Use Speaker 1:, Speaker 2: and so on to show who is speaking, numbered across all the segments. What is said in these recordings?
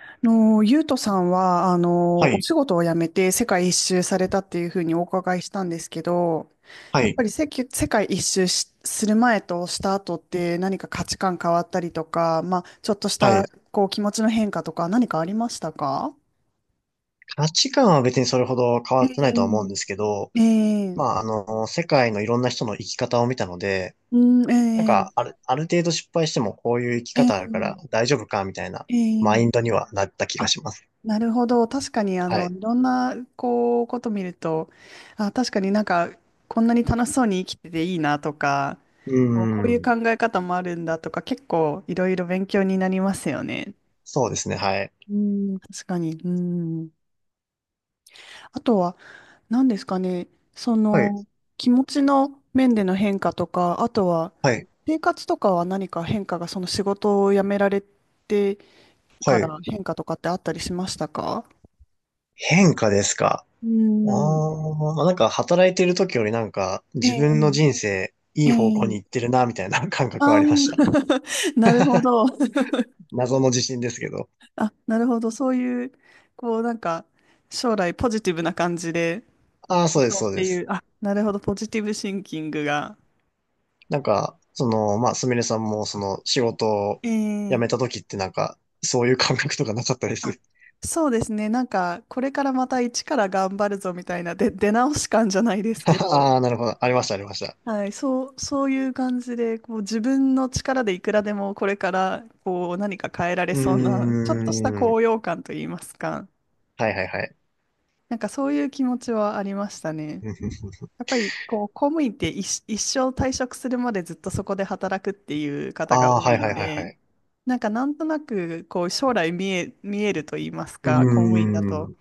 Speaker 1: ゆうとさんは、
Speaker 2: は
Speaker 1: お
Speaker 2: い、
Speaker 1: 仕事を辞めて世界一周されたっていうふうにお伺いしたんですけど、
Speaker 2: は
Speaker 1: やっ
Speaker 2: い、
Speaker 1: ぱり世界一周する前とした後って何か価値観変わったりとか、まあ、ちょっとし
Speaker 2: はい。
Speaker 1: た、気持ちの変化とか何かありましたか？
Speaker 2: 価値観は別にそれほど変わ
Speaker 1: え
Speaker 2: ってないとは思うんですけど、
Speaker 1: ええ
Speaker 2: まあ、
Speaker 1: え。
Speaker 2: 世界のいろんな人の生き方を見たので、
Speaker 1: う
Speaker 2: なん
Speaker 1: ん、ええ
Speaker 2: か、ある程度失敗してもこういう生き
Speaker 1: え
Speaker 2: 方あるから
Speaker 1: え
Speaker 2: 大丈夫か、みたいな
Speaker 1: え
Speaker 2: マ
Speaker 1: え。
Speaker 2: インドにはなった気が
Speaker 1: あ、
Speaker 2: します。
Speaker 1: なるほど。確かに、
Speaker 2: はい。
Speaker 1: いろんな、こと見ると、あ、確かになんか、こんなに楽しそうに生きてていいなとか、
Speaker 2: う
Speaker 1: こうい
Speaker 2: ー
Speaker 1: う
Speaker 2: ん。
Speaker 1: 考え方もあるんだとか、結構いろいろ勉強になりますよね。
Speaker 2: そうですね、はい。
Speaker 1: うん、確かに。うん。あとは、何ですかね。そ
Speaker 2: はい、
Speaker 1: の、気持ちの面での変化とか、あとは、
Speaker 2: はい、
Speaker 1: 生活とかは何か変化が、その仕事を辞められて
Speaker 2: は
Speaker 1: か
Speaker 2: い。
Speaker 1: ら変化とかってあったりしましたか？
Speaker 2: 変化ですか。
Speaker 1: う
Speaker 2: あ
Speaker 1: ん、
Speaker 2: なんか働いてる時よりなんか
Speaker 1: え
Speaker 2: 自分の
Speaker 1: え、
Speaker 2: 人生い
Speaker 1: え
Speaker 2: い方向に
Speaker 1: え、
Speaker 2: 行ってるな、みたいな感覚は
Speaker 1: あ
Speaker 2: あ
Speaker 1: あ、
Speaker 2: りました。
Speaker 1: なるほど。
Speaker 2: 謎の自信ですけど。
Speaker 1: あ、なるほど。そういう、こう、なんか、将来ポジティブな感じで、
Speaker 2: ああ、そうです、
Speaker 1: そうっ
Speaker 2: そう
Speaker 1: て
Speaker 2: で
Speaker 1: いう、
Speaker 2: す。
Speaker 1: あ、なるほど、ポジティブシンキングが。
Speaker 2: なんか、まあ、すみれさんも、仕事を
Speaker 1: え
Speaker 2: 辞
Speaker 1: え。
Speaker 2: めた時ってなんか、そういう感覚とかなかったで
Speaker 1: あ、
Speaker 2: す。
Speaker 1: そうですね、これからまた一から頑張るぞみたいな、で、出直し感じゃないで すけど、
Speaker 2: ああ、なるほど。ありました、ありました。
Speaker 1: はい、そう、そういう感じで、自分の力でいくらでもこれから、何か変えられ
Speaker 2: う
Speaker 1: そうな、ちょっとした
Speaker 2: ーん。
Speaker 1: 高揚感といいますか、
Speaker 2: はいはいはい。
Speaker 1: なんかそういう気持ちはありましたね。やっぱり、公務員って一生退職するまでずっとそこで働くっていう方が
Speaker 2: ああ、
Speaker 1: 多
Speaker 2: は
Speaker 1: い
Speaker 2: いは
Speaker 1: の
Speaker 2: いはいは
Speaker 1: で、
Speaker 2: い。
Speaker 1: なんかなんとなく将来見えると言います
Speaker 2: う
Speaker 1: か、公務員だ
Speaker 2: ー
Speaker 1: と。
Speaker 2: ん。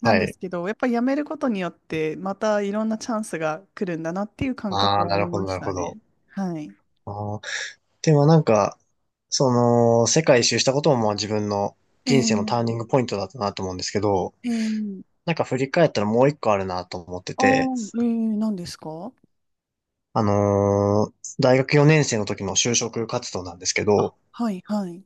Speaker 1: なん
Speaker 2: は
Speaker 1: で
Speaker 2: い。
Speaker 1: すけど、やっぱり辞めることによってまたいろんなチャンスが来るんだなっていう感覚
Speaker 2: ああ、
Speaker 1: は
Speaker 2: な
Speaker 1: あ
Speaker 2: る
Speaker 1: り
Speaker 2: ほど、
Speaker 1: ま
Speaker 2: な
Speaker 1: し
Speaker 2: る
Speaker 1: た
Speaker 2: ほど。
Speaker 1: ね。はい。
Speaker 2: ああ、でもなんか、世界一周したこともまあ自分の
Speaker 1: え
Speaker 2: 人生のター
Speaker 1: ー、
Speaker 2: ニングポイントだったなと思うんですけど、
Speaker 1: えー、
Speaker 2: なんか振り返ったらもう一個あるなと思って
Speaker 1: あ
Speaker 2: て、
Speaker 1: ー、えー、何ですか？
Speaker 2: あのー大学4年生の時の就職活動なんですけ
Speaker 1: あ、
Speaker 2: ど、
Speaker 1: はい、はい。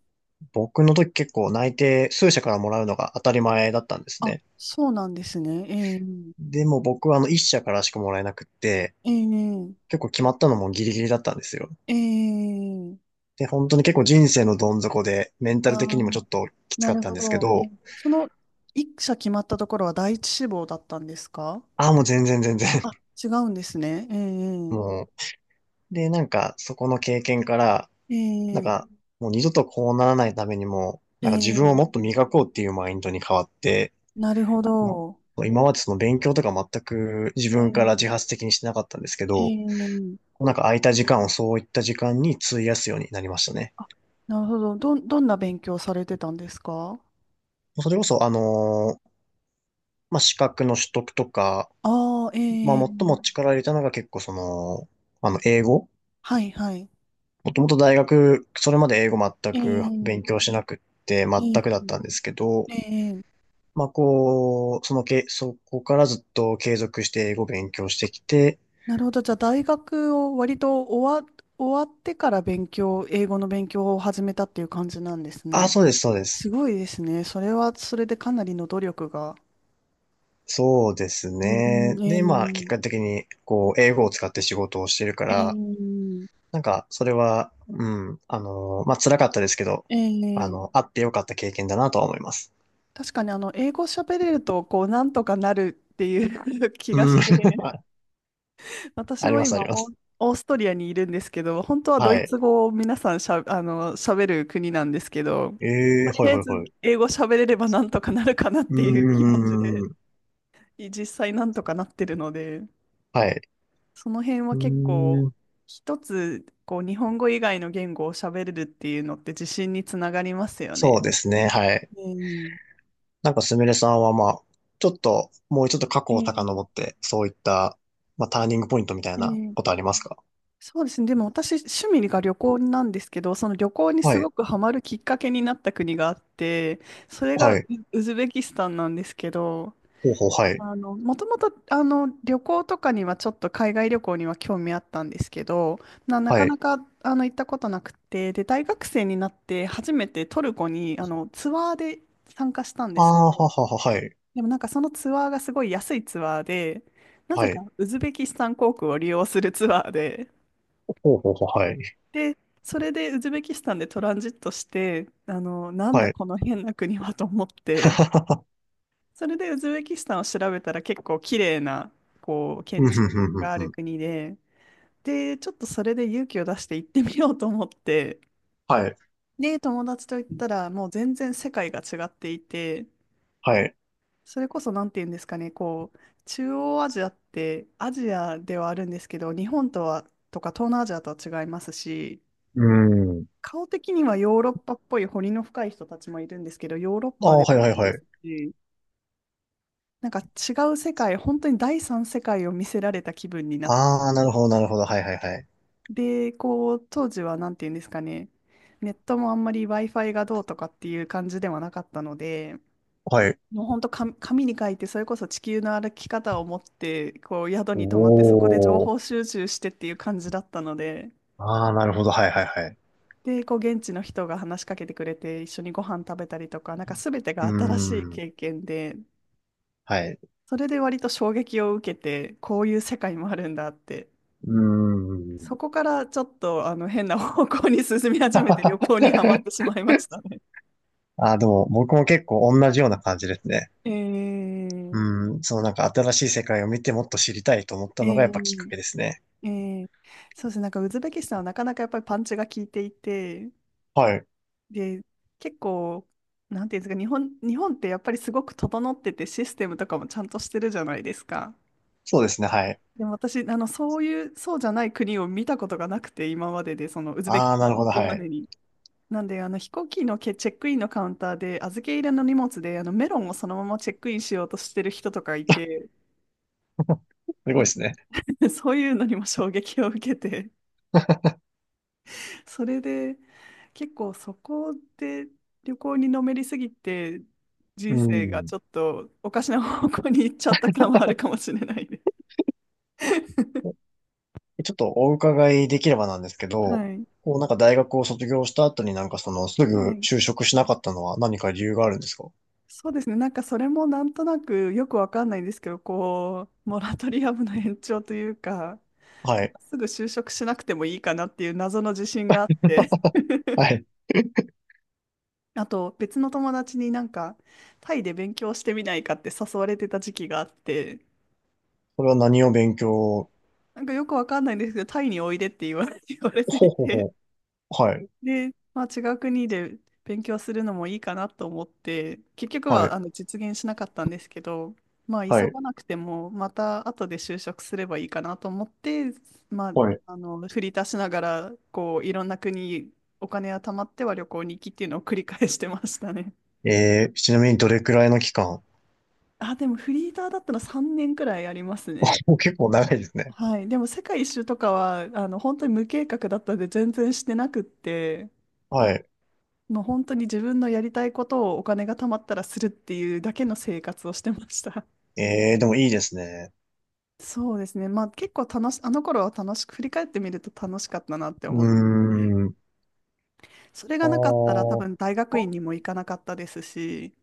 Speaker 2: 僕の時結構内定数社からもらうのが当たり前だったんです
Speaker 1: あ、
Speaker 2: ね。
Speaker 1: そうなんですね。えー、
Speaker 2: でも僕はあの1社からしかもらえなくって、
Speaker 1: えー、
Speaker 2: 結構決まったのもギリギリだったんですよ。
Speaker 1: えー、
Speaker 2: で、本当に結構人生のどん底で、メンタル的
Speaker 1: あ
Speaker 2: にもちょ
Speaker 1: ー、
Speaker 2: っときつ
Speaker 1: な
Speaker 2: かっ
Speaker 1: る
Speaker 2: た
Speaker 1: ほ
Speaker 2: んですけ
Speaker 1: ど。
Speaker 2: ど、
Speaker 1: え、その、一社決まったところは第一志望だったんですか？
Speaker 2: ああ、もう全然全然、
Speaker 1: あ、違うんですね。え え
Speaker 2: もう。で、なんかそこの経験から、なん
Speaker 1: ええ
Speaker 2: かもう二度とこうならないためにも、なんか自分をもっ
Speaker 1: ええ。
Speaker 2: と磨こうっていうマインドに変わって、
Speaker 1: なるほ
Speaker 2: ま
Speaker 1: ど。
Speaker 2: あ、今までその勉強とか全く自
Speaker 1: え
Speaker 2: 分から自
Speaker 1: え
Speaker 2: 発的にしてなかったんですけど、
Speaker 1: ええ。
Speaker 2: なんか空いた時間をそういった時間に費やすようになりましたね。
Speaker 1: あ、なるほど。どんな勉強されてたんですか？
Speaker 2: それこそ、まあ、資格の取得とか、
Speaker 1: ああ、
Speaker 2: ま
Speaker 1: え
Speaker 2: あ、最
Speaker 1: え。
Speaker 2: も力を入れたのが結構その、あの、英語。
Speaker 1: はいはい。
Speaker 2: もともと大学、それまで英語全く勉
Speaker 1: ええ
Speaker 2: 強しなくって、
Speaker 1: え
Speaker 2: 全くだったんですけど、
Speaker 1: えええ。
Speaker 2: まあ、こう、そのけ、そこからずっと継続して英語勉強してきて、
Speaker 1: なるほど。じゃあ、大学を割と終わってから英語の勉強を始めたっていう感じなんです
Speaker 2: あ、
Speaker 1: ね。
Speaker 2: そうです、そうで
Speaker 1: す
Speaker 2: す。
Speaker 1: ごいですね。それでかなりの努力が。
Speaker 2: そうです
Speaker 1: う
Speaker 2: ね。
Speaker 1: ん、
Speaker 2: で、
Speaker 1: え
Speaker 2: 今、結果的に、こう、英語を使って仕事をしてるから、
Speaker 1: ええ
Speaker 2: なんか、それは、うん、まあ、辛かったですけど、
Speaker 1: え
Speaker 2: あの、
Speaker 1: ええ。
Speaker 2: あってよかった経験だなとは思います。
Speaker 1: 確かに英語喋れるとこうなんとかなるっていう 気がし
Speaker 2: うん、
Speaker 1: て、
Speaker 2: あ
Speaker 1: 私
Speaker 2: あり
Speaker 1: も
Speaker 2: ます、あ
Speaker 1: 今
Speaker 2: ります。
Speaker 1: オーストリアにいるんですけど、本当はド
Speaker 2: は
Speaker 1: イツ
Speaker 2: い。
Speaker 1: 語を皆さんしゃ、あの喋る国なんですけど、
Speaker 2: ええ
Speaker 1: と
Speaker 2: は
Speaker 1: り
Speaker 2: い、
Speaker 1: あえ
Speaker 2: はい、
Speaker 1: ず
Speaker 2: はい。
Speaker 1: 英語喋れればなんとかなるかなっていう気
Speaker 2: う
Speaker 1: 持ち
Speaker 2: ー
Speaker 1: で、
Speaker 2: ん、
Speaker 1: 実際なんとかなってるので、
Speaker 2: はい。
Speaker 1: その辺
Speaker 2: う
Speaker 1: は結構
Speaker 2: ーん、
Speaker 1: 一つ日本語以外の言語を喋れるっていうのって自信につながりますよ
Speaker 2: そ
Speaker 1: ね。
Speaker 2: うですね、はい。
Speaker 1: うん、
Speaker 2: なんか、すみれさんは、まあ、ちょっと、もうちょっと過去を
Speaker 1: え
Speaker 2: 遡っ
Speaker 1: え
Speaker 2: て、そういった、まあ、ターニングポイントみたいな
Speaker 1: え
Speaker 2: こ
Speaker 1: え。
Speaker 2: とありますか？
Speaker 1: そうですね。でも私、趣味が旅行なんですけど、その旅行に
Speaker 2: は
Speaker 1: す
Speaker 2: い、
Speaker 1: ごくハマるきっかけになった国があって、それが
Speaker 2: はい。
Speaker 1: ウズベキスタンなんですけど、
Speaker 2: ほうほう、はい、
Speaker 1: もともと、旅行とかにはちょっと海外旅行には興味あったんですけど、な、な
Speaker 2: は
Speaker 1: か
Speaker 2: い。
Speaker 1: なか、行ったことなくて、で、大学生になって初めてトルコに、ツアーで参加したんで
Speaker 2: あ
Speaker 1: すけ
Speaker 2: あ、
Speaker 1: ど、
Speaker 2: ははは、はい。
Speaker 1: でもなんかそのツアーがすごい安いツアーで、な
Speaker 2: は
Speaker 1: ぜか
Speaker 2: い。
Speaker 1: ウズベキスタン航空を利用するツアーで、
Speaker 2: ほうほうほう、はい。
Speaker 1: で、それでウズベキスタンでトランジットして、なん
Speaker 2: は
Speaker 1: だ
Speaker 2: い。
Speaker 1: この変な国はと思って、それでウズベキスタンを調べたら結構綺麗な、
Speaker 2: う
Speaker 1: 建
Speaker 2: ん、ふ
Speaker 1: 築
Speaker 2: んふんふん
Speaker 1: があ
Speaker 2: ふ
Speaker 1: る
Speaker 2: ん。
Speaker 1: 国で、で、ちょっとそれで勇気を出して行ってみようと思って、
Speaker 2: はい。
Speaker 1: で、友達と行ったらもう全然世界が違っていて、
Speaker 2: はい。
Speaker 1: それこそなんて言うんですかね、中央アジアってアジアではあるんですけど、日本とは、とか東南アジアとは違いますし、
Speaker 2: うん。
Speaker 1: 顔的にはヨーロッパっぽい彫りの深い人たちもいるんですけど、ヨーロッ
Speaker 2: あ
Speaker 1: パ
Speaker 2: あ、
Speaker 1: で
Speaker 2: は
Speaker 1: も
Speaker 2: い
Speaker 1: な
Speaker 2: はい
Speaker 1: い
Speaker 2: は
Speaker 1: で
Speaker 2: い。
Speaker 1: すし、なんか違う世界、本当に第三世界を見せられた気分になっ
Speaker 2: ああ、なるほど、なるほど。はいはいはい。
Speaker 1: て、当時はなんていうんですかね、ネットもあんまり Wi-Fi がどうとかっていう感じではなかったので、
Speaker 2: はい。
Speaker 1: もう本当紙に書いて、それこそ地球の歩き方を持って、こう宿に泊まって、そこで情
Speaker 2: おー。
Speaker 1: 報収集してっていう感じだったので、
Speaker 2: ああ、なるほど。はいはいはい。
Speaker 1: で、こう現地の人が話しかけてくれて一緒にご飯食べたりとか、なんか全てが
Speaker 2: う
Speaker 1: 新しい
Speaker 2: ーん。
Speaker 1: 経験で、
Speaker 2: はい。
Speaker 1: それで割と衝撃を受けて、こういう世界もあるんだって、
Speaker 2: うーん。
Speaker 1: そこからちょっとあの変な方向に進み始めて旅行にはまってしまいましたね。
Speaker 2: ああ、でも僕も結構同じような感じですね。
Speaker 1: えー、
Speaker 2: うん。そのなんか新しい世界を見てもっと知りたいと思った
Speaker 1: え
Speaker 2: のがやっぱきっか
Speaker 1: ー、
Speaker 2: けですね。
Speaker 1: えー。そうですね、なんかウズベキスタンはなかなかやっぱりパンチが効いていて、
Speaker 2: はい。
Speaker 1: で、結構、なんていうんですか、日本ってやっぱりすごく整っててシステムとかもちゃんとしてるじゃないですか。
Speaker 2: そうですね。はい。
Speaker 1: でも私、そういう、そうじゃない国を見たことがなくて、今までで、その、ウズベキ
Speaker 2: あ
Speaker 1: ス
Speaker 2: あ、
Speaker 1: タン
Speaker 2: な
Speaker 1: に
Speaker 2: るほ
Speaker 1: 行
Speaker 2: ど。
Speaker 1: く
Speaker 2: は
Speaker 1: まで
Speaker 2: い。
Speaker 1: に。なんで、飛行機のチェックインのカウンターで、預け入れの荷物で、メロンをそのままチェックインしようとしてる人とかいて、
Speaker 2: すごいですね。
Speaker 1: そういうのにも衝撃を受けて、それで、結構そこで旅行にのめりすぎて、
Speaker 2: う
Speaker 1: 人生が
Speaker 2: ん。
Speaker 1: ちょっとおかしな方向に行っちゃった感はあるかもしれないです。
Speaker 2: ちょっとお伺いできればなんですけど、
Speaker 1: はい。
Speaker 2: こうなんか大学を卒業した後になんかそのす
Speaker 1: は
Speaker 2: ぐ
Speaker 1: い。
Speaker 2: 就職しなかったのは何か理由があるんですか？
Speaker 1: そうですね。なんかそれもなんとなくよくわかんないんですけど、モラトリアムの延長というか、
Speaker 2: はい。
Speaker 1: すぐ就職しなくてもいいかなっていう謎の自信があって、
Speaker 2: はい。
Speaker 1: あと別の友達になんかタイで勉強してみないかって誘われてた時期があって、
Speaker 2: それは何を勉強？
Speaker 1: なんかよくわかんないんですけど、タイにおいでって言われ、言われて
Speaker 2: ほう
Speaker 1: い
Speaker 2: ほうほ
Speaker 1: て、
Speaker 2: う。はい。
Speaker 1: で、まあ、違う国で勉強するのもいいかなと思って、結局
Speaker 2: は
Speaker 1: は
Speaker 2: い。
Speaker 1: 実現しなかったんですけど、まあ、
Speaker 2: は
Speaker 1: 急
Speaker 2: い。
Speaker 1: がなくても、また後で就職すればいいかなと思って、まあ、
Speaker 2: はい。
Speaker 1: 振り足しながらいろんな国、お金が貯まっては旅行に行きっていうのを繰り返してましたね。
Speaker 2: えー、ちなみにどれくらいの期間？
Speaker 1: あ、でもフリーターだったら3年くらいありますね。
Speaker 2: もう結構長いですね。
Speaker 1: はい、でも世界一周とかは本当に無計画だったんで全然してなくって、
Speaker 2: はい。
Speaker 1: もう本当に自分のやりたいことをお金が貯まったらするっていうだけの生活をしてました。
Speaker 2: えー、でもいいですね。
Speaker 1: そうですね。まあ結構あの頃は楽しく、振り返ってみると楽しかったなって
Speaker 2: うー
Speaker 1: 思って、
Speaker 2: ん。
Speaker 1: それ
Speaker 2: あ
Speaker 1: がなかったら多
Speaker 2: ー
Speaker 1: 分大学院にも行かなかったですし、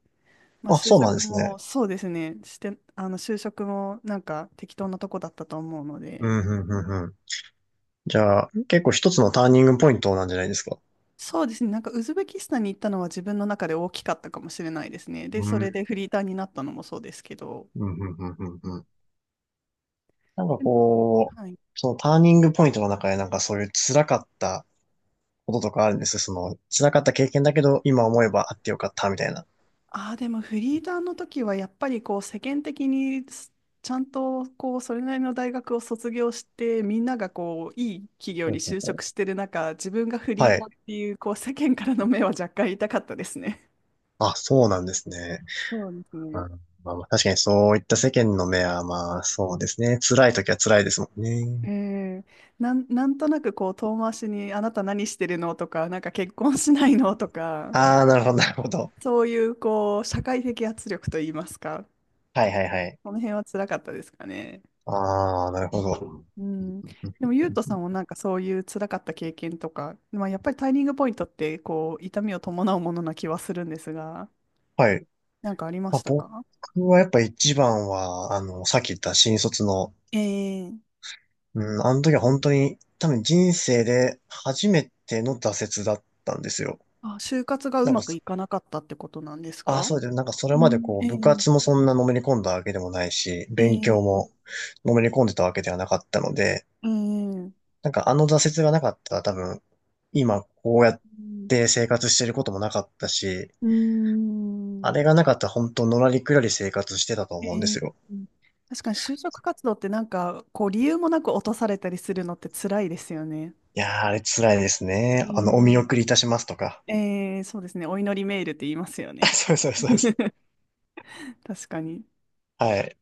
Speaker 1: まあ
Speaker 2: あ
Speaker 1: 就
Speaker 2: そうなんで
Speaker 1: 職
Speaker 2: す
Speaker 1: も
Speaker 2: ね。
Speaker 1: そうですね、あの就職もなんか適当なとこだったと思うの
Speaker 2: う
Speaker 1: で、
Speaker 2: ん、うん、うん、うん。じゃあ、結構一つのターニングポイントなんじゃないですか？
Speaker 1: そうですね、なんかウズベキスタンに行ったのは自分の中で大きかったかもしれないですね。で、
Speaker 2: う
Speaker 1: そ
Speaker 2: ん、う
Speaker 1: れ
Speaker 2: ん、
Speaker 1: でフリーターになったのもそうですけど、
Speaker 2: うん、うん、うん。うんなんかこ
Speaker 1: はい。
Speaker 2: う、そのターニングポイントの中でなんかそういう辛かったこととかあるんですよその辛かった経験だけど今思えばあってよかったみたいな。
Speaker 1: ああ、でもフリーターの時はやっぱり世間的にちゃんとそれなりの大学を卒業してみんながいい企業
Speaker 2: ほ
Speaker 1: に
Speaker 2: うほう
Speaker 1: 就
Speaker 2: ほ
Speaker 1: 職
Speaker 2: う
Speaker 1: してる中自分がフリ
Speaker 2: は
Speaker 1: ーター
Speaker 2: い。
Speaker 1: っていう世間からの目は若干痛かったですね。
Speaker 2: あ、そうなんですね。
Speaker 1: そうです
Speaker 2: う
Speaker 1: ね。
Speaker 2: ん、まあ、まあ確かにそういった世間の目はまあそうですね。辛い時は辛いですもん
Speaker 1: え
Speaker 2: ね。
Speaker 1: え。なんとなく遠回しにあなた何してるのとかなんか結婚しないのとか
Speaker 2: ああ、なるほど、なるほど。
Speaker 1: そういう社会的圧力といいますか
Speaker 2: はいはいはい。
Speaker 1: その辺は辛かったですかね。
Speaker 2: ああ、なるほど。
Speaker 1: うん、でも、ゆうとさんもなんかそういう辛かった経験とか、まあ、やっぱりタイミングポイントって痛みを伴うものな気はするんですが、
Speaker 2: はい。
Speaker 1: なんかありま
Speaker 2: まあ、
Speaker 1: した
Speaker 2: 僕
Speaker 1: か？
Speaker 2: はやっぱ一番は、あの、さっき言った新卒の。
Speaker 1: ええ。
Speaker 2: うん、あの時は本当に多分人生で初めての挫折だったんですよ。
Speaker 1: あ、就活がう
Speaker 2: なん
Speaker 1: ま
Speaker 2: か
Speaker 1: く
Speaker 2: そ、
Speaker 1: いかなかったってことなんです
Speaker 2: ああ、
Speaker 1: か？
Speaker 2: そうで、なんかそれ
Speaker 1: う
Speaker 2: まで
Speaker 1: ん、
Speaker 2: こう
Speaker 1: ええ
Speaker 2: 部活もそんなのめり込んだわけでもないし、
Speaker 1: え
Speaker 2: 勉強
Speaker 1: え
Speaker 2: も
Speaker 1: ええ。
Speaker 2: のめり込んでたわけではなかったので、
Speaker 1: うん、う
Speaker 2: なんかあの挫折がなかったら多分今こうやって生活してることもなかったし、
Speaker 1: ーん。
Speaker 2: あれがなかったら本当のらりくらり生活してたと
Speaker 1: え
Speaker 2: 思うんです
Speaker 1: え。
Speaker 2: よ。
Speaker 1: 確かに就職活動ってなんか理由もなく落とされたりするのって辛いですよね。
Speaker 2: いやー、あれ辛いですね。あの、お見
Speaker 1: え
Speaker 2: 送りいたしますとか。
Speaker 1: えええ。そうですね。お祈りメールって言いますよ ね。
Speaker 2: そうそうですそうです。
Speaker 1: 確かに。
Speaker 2: はい。